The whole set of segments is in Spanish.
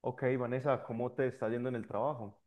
Ok, Vanessa, ¿cómo te está yendo en el trabajo?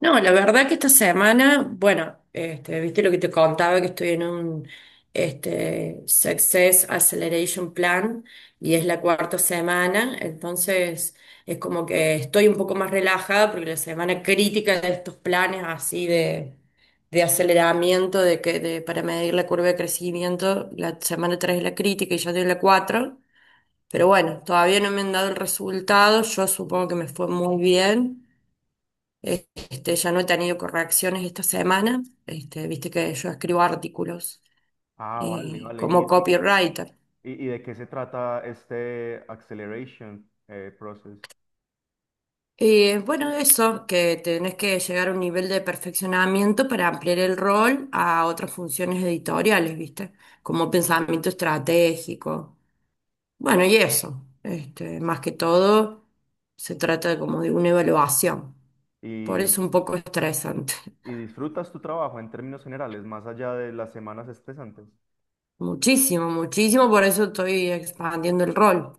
No, la verdad que esta semana, bueno, este, viste lo que te contaba, que estoy en un Success Acceleration Plan y es la cuarta semana. Entonces es como que estoy un poco más relajada, porque la semana crítica de estos planes así de aceleramiento para medir la curva de crecimiento, la semana 3 es la crítica y yo doy la cuatro. Pero bueno, todavía no me han dado el resultado, yo supongo que me fue muy bien. Este, ya no he tenido correcciones esta semana. Este, viste que yo escribo artículos Ah, vale, vale. ¿Y, como y, copywriter. y- y de qué se trata este acceleration process? Bueno, eso, que tenés que llegar a un nivel de perfeccionamiento para ampliar el rol a otras funciones editoriales, ¿viste? Como pensamiento estratégico. Bueno, y eso, este, más que todo, se trata de como de una evaluación. Por ¿Y, eso un poco estresante. y disfrutas tu trabajo en términos generales, más allá de las semanas estresantes? Muchísimo, muchísimo, por eso estoy expandiendo el rol.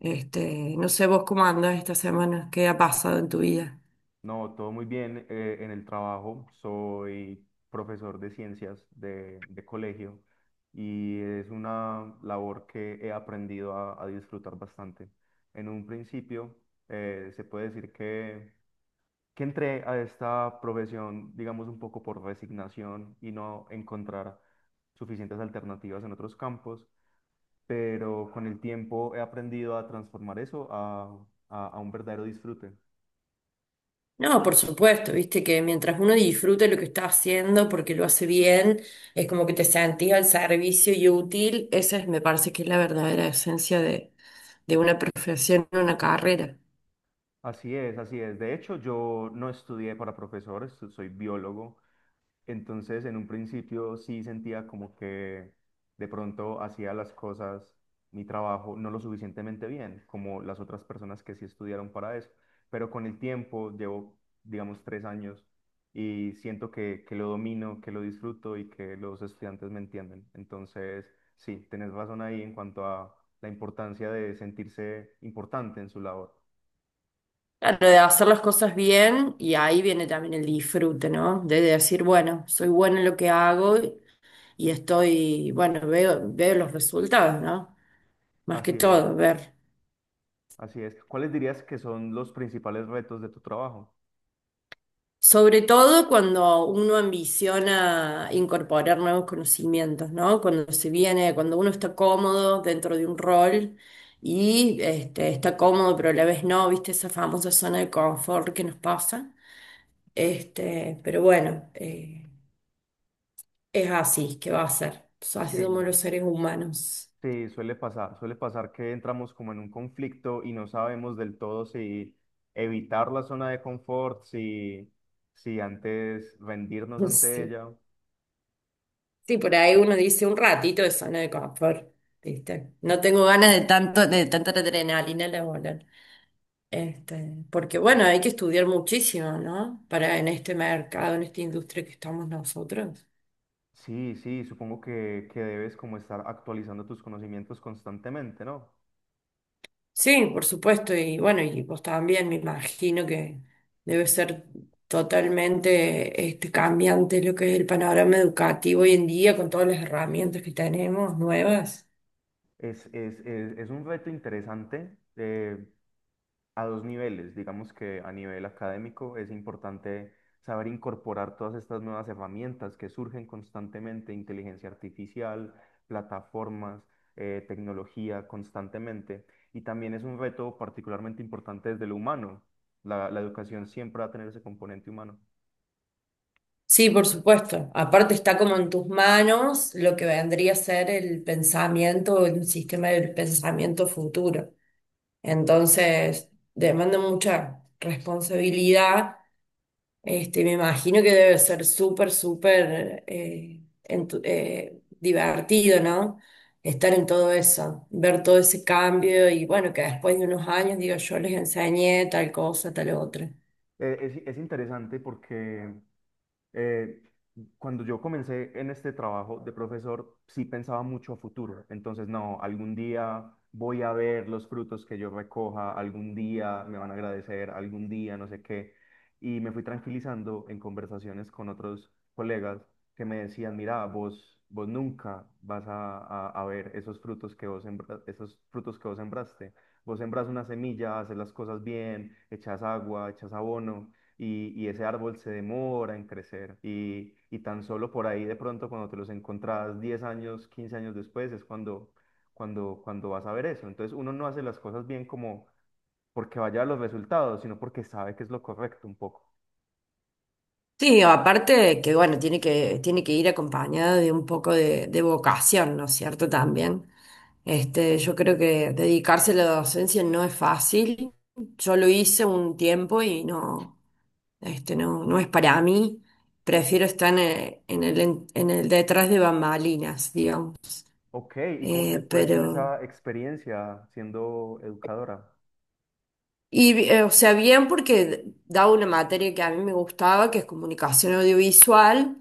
Este, no sé vos cómo andas esta semana, qué ha pasado en tu vida. No, todo muy bien en el trabajo. Soy profesor de ciencias de colegio y es una labor que he aprendido a disfrutar bastante. En un principio, se puede decir que entré a esta profesión, digamos, un poco por resignación y no encontrar suficientes alternativas en otros campos, pero con el tiempo he aprendido a transformar eso a, a un verdadero disfrute. No, por supuesto, viste que mientras uno disfrute lo que está haciendo porque lo hace bien, es como que te sentís al servicio y útil. Esa es, me parece que es la verdadera esencia de una profesión, una carrera. Así es, así es. De hecho, yo no estudié para profesor, soy biólogo. Entonces, en un principio sí sentía como que de pronto hacía las cosas, mi trabajo, no lo suficientemente bien, como las otras personas que sí estudiaron para eso. Pero con el tiempo, llevo, digamos, 3 años y siento que lo domino, que lo disfruto y que los estudiantes me entienden. Entonces, sí, tenés razón ahí en cuanto a la importancia de sentirse importante en su labor. Claro, de hacer las cosas bien y ahí viene también el disfrute, ¿no? De decir, bueno, soy buena en lo que hago y estoy, bueno, veo los resultados, ¿no? Más que Así es, todo, ver. así es. ¿Cuáles dirías que son los principales retos de tu trabajo? Sobre todo cuando uno ambiciona incorporar nuevos conocimientos, ¿no? Cuando se viene, cuando uno está cómodo dentro de un rol y está cómodo, pero a la vez no, ¿viste? Esa famosa zona de confort que nos pasa. Este, pero bueno, es así que va a ser. Así somos Sí. los seres humanos. Sí, suele pasar que entramos como en un conflicto y no sabemos del todo si evitar la zona de confort, si, si antes rendirnos ante Sí. ella. Sí, por ahí uno dice un ratito de zona de confort, ¿viste? No tengo ganas de tanto, de tanta adrenalina laboral. Este, porque bueno, hay que estudiar muchísimo, ¿no? Para en este mercado, en esta industria que estamos nosotros. Sí, sí, supongo que debes como estar actualizando tus conocimientos constantemente, ¿no? Sí, por supuesto. Y bueno, y vos también me imagino que debe ser totalmente cambiante lo que es el panorama educativo hoy en día, con todas las herramientas que tenemos nuevas. Es un reto interesante. A dos niveles. Digamos que a nivel académico es importante saber incorporar todas estas nuevas herramientas que surgen constantemente, inteligencia artificial, plataformas, tecnología constantemente. Y también es un reto particularmente importante desde lo humano. La educación siempre va a tener ese componente humano. Sí, por supuesto. Aparte está como en tus manos lo que vendría a ser el pensamiento, el sistema del pensamiento futuro. Entonces, demanda mucha responsabilidad. Este, me imagino que debe ser súper, súper divertido, ¿no? Estar en todo eso, ver todo ese cambio. Y bueno, que después de unos años, digo, yo les enseñé tal cosa, tal otra. Es interesante porque Eh, cuando yo comencé en este trabajo de profesor, sí pensaba mucho a futuro. Entonces, no, algún día voy a ver los frutos que yo recoja, algún día me van a agradecer, algún día no sé qué. Y me fui tranquilizando en conversaciones con otros colegas que me decían, mira, vos nunca vas a, a ver esos frutos que esos frutos que vos sembraste. Vos sembras una semilla, haces las cosas bien, echas agua, echas abono y ese árbol se demora en crecer y tan solo por ahí de pronto cuando te los encontrás 10 años, 15 años después es cuando, cuando vas a ver eso. Entonces uno no hace las cosas bien como porque vaya a los resultados, sino porque sabe que es lo correcto un poco. Sí, aparte que bueno, tiene que ir acompañada de un poco de vocación, ¿no es cierto? También. Este, yo creo que dedicarse a la docencia no es fácil. Yo lo hice un tiempo y no, este, no es para mí. Prefiero estar en en el detrás de bambalinas, digamos. Ok, ¿y cómo te fue con Pero. esa experiencia siendo educadora? Y, o sea, bien porque daba una materia que a mí me gustaba, que es comunicación audiovisual.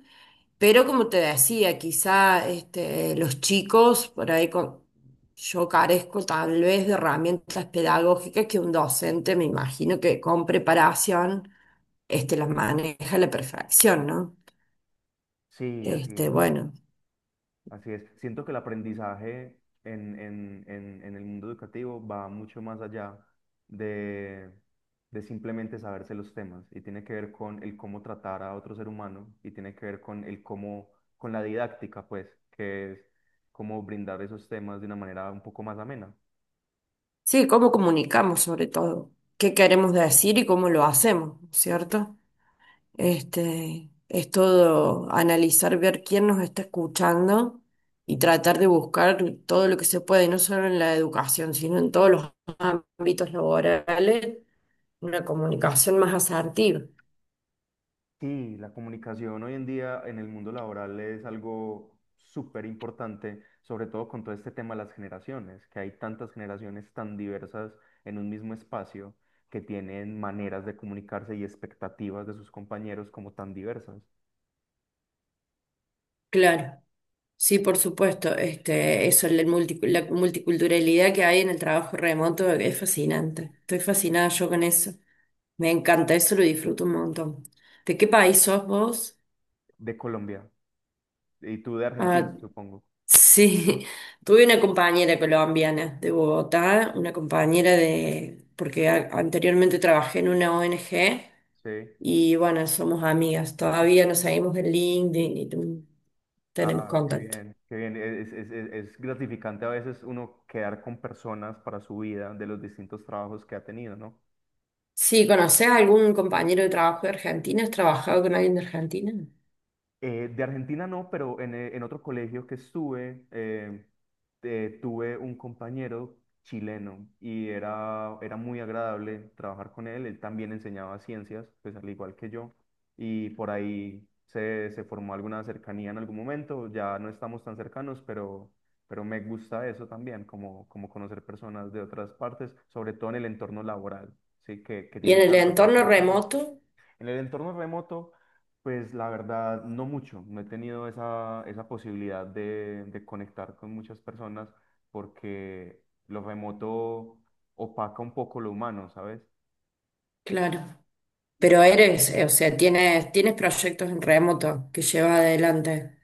Pero como te decía, quizá este, los chicos, por ahí yo carezco tal vez de herramientas pedagógicas que un docente, me imagino que con preparación, este, las maneja a la perfección, ¿no? Sí, así Este, es. bueno, Así es. Siento que el aprendizaje en el mundo educativo va mucho más allá de, de simplemente saberse los temas y tiene que ver con el cómo tratar a otro ser humano y tiene que ver con el cómo, con la didáctica, pues, que es cómo brindar esos temas de una manera un poco más amena. sí, cómo comunicamos sobre todo, qué queremos decir y cómo lo hacemos, ¿cierto? Este, es todo analizar, ver quién nos está escuchando y tratar de buscar todo lo que se puede, no solo en la educación, sino en todos los ámbitos laborales, una comunicación más asertiva. Sí, la comunicación hoy en día en el mundo laboral es algo súper importante, sobre todo con todo este tema de las generaciones, que hay tantas generaciones tan diversas en un mismo espacio que tienen maneras de comunicarse y expectativas de sus compañeros como tan diversas. Claro, sí, por supuesto. Este, eso, el la multiculturalidad que hay en el trabajo remoto es fascinante. Estoy fascinada yo con eso. Me encanta, eso lo disfruto un montón. ¿De qué país sos vos? De Colombia y tú de Argentina, Ah, supongo. sí, tuve una compañera colombiana de Bogotá, una compañera de, porque anteriormente trabajé en una ONG Sí. y bueno, somos amigas, todavía nos seguimos en LinkedIn y tenemos Ah, qué contacto. bien, qué bien. Es, es gratificante a veces uno quedar con personas para su vida de los distintos trabajos que ha tenido, ¿no? Sí, ¿conoces a algún compañero de trabajo de Argentina? ¿Has trabajado con alguien de Argentina? De Argentina no, pero en otro colegio que estuve, tuve un compañero chileno y era, era muy agradable trabajar con él. Él también enseñaba ciencias, pues al igual que yo, y por ahí se, se formó alguna cercanía en algún momento. Ya no estamos tan cercanos, pero me gusta eso también, como, como conocer personas de otras partes, sobre todo en el entorno laboral, ¿sí? Que Y en tienen el tanto para entorno aportarle. remoto, En el entorno remoto, pues la verdad, no mucho. No he tenido esa, esa posibilidad de conectar con muchas personas porque lo remoto opaca un poco lo humano, ¿sabes? claro. Pero eres, o sea, tienes proyectos en remoto que llevas adelante.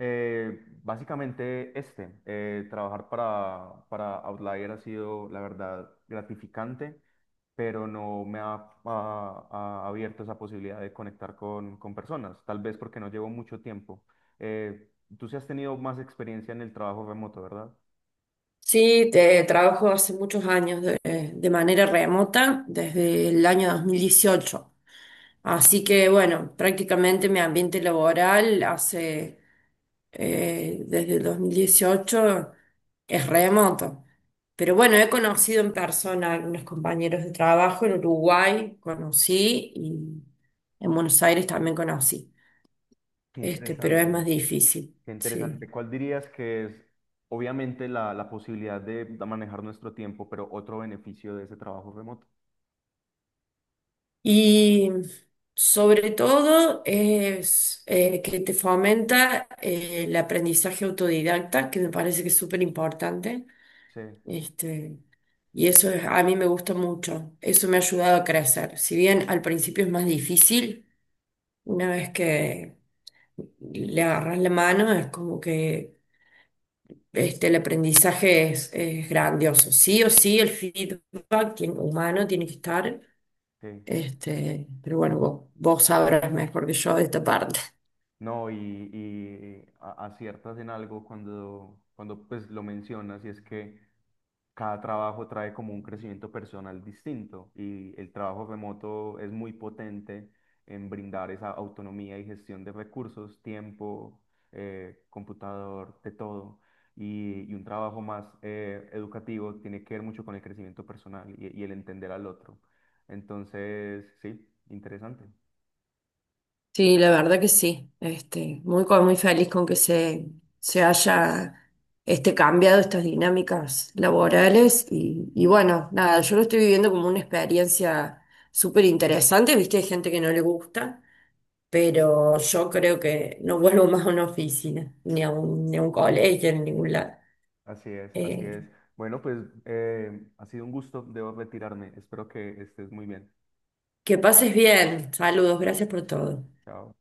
Básicamente trabajar para Outlier ha sido, la verdad, gratificante, pero no me ha, ha abierto esa posibilidad de conectar con personas, tal vez porque no llevo mucho tiempo. Eh, Tú sí has tenido más experiencia en el trabajo remoto, ¿verdad? Sí, te trabajo hace muchos años de manera remota, desde el año 2018. Así que bueno, prácticamente mi ambiente laboral hace desde el 2018 es remoto. Pero bueno, he conocido en persona a algunos compañeros de trabajo en Uruguay, conocí. Y en Buenos Aires también conocí. Qué Este, pero es más interesante, difícil, qué sí. interesante. ¿Cuál dirías que es, obviamente, la posibilidad de manejar nuestro tiempo, pero otro beneficio de ese trabajo remoto? Y sobre todo es que te fomenta el aprendizaje autodidacta, que me parece que es súper importante. Sí, Este, y eso a mí me gusta mucho. Eso me ha ayudado a crecer. Si bien al principio es más difícil, una vez que le agarras la mano, es como que este, el aprendizaje es grandioso. Sí o sí, el humano tiene que estar. sí. Este, pero bueno, vos sabrás mejor que yo de esta parte. No, y aciertas en algo cuando, cuando pues lo mencionas, y es que cada trabajo trae como un crecimiento personal distinto, y el trabajo remoto es muy potente en brindar esa autonomía y gestión de recursos, tiempo, computador, de todo. Y un trabajo más educativo tiene que ver mucho con el crecimiento personal y el entender al otro. Entonces, sí, interesante. Sí, la verdad que sí. Este, muy, muy feliz con que se haya este, cambiado estas dinámicas laborales. Y bueno, nada, yo lo estoy viviendo como una experiencia súper interesante. Viste, hay gente que no le gusta, pero yo creo que no vuelvo más a una oficina, ni a un, ni a un colegio, en ningún lado. Así es, así Eh, es. Bueno, pues ha sido un gusto, debo retirarme. Espero que estés muy bien. que pases bien. Saludos, gracias por todo. Chao.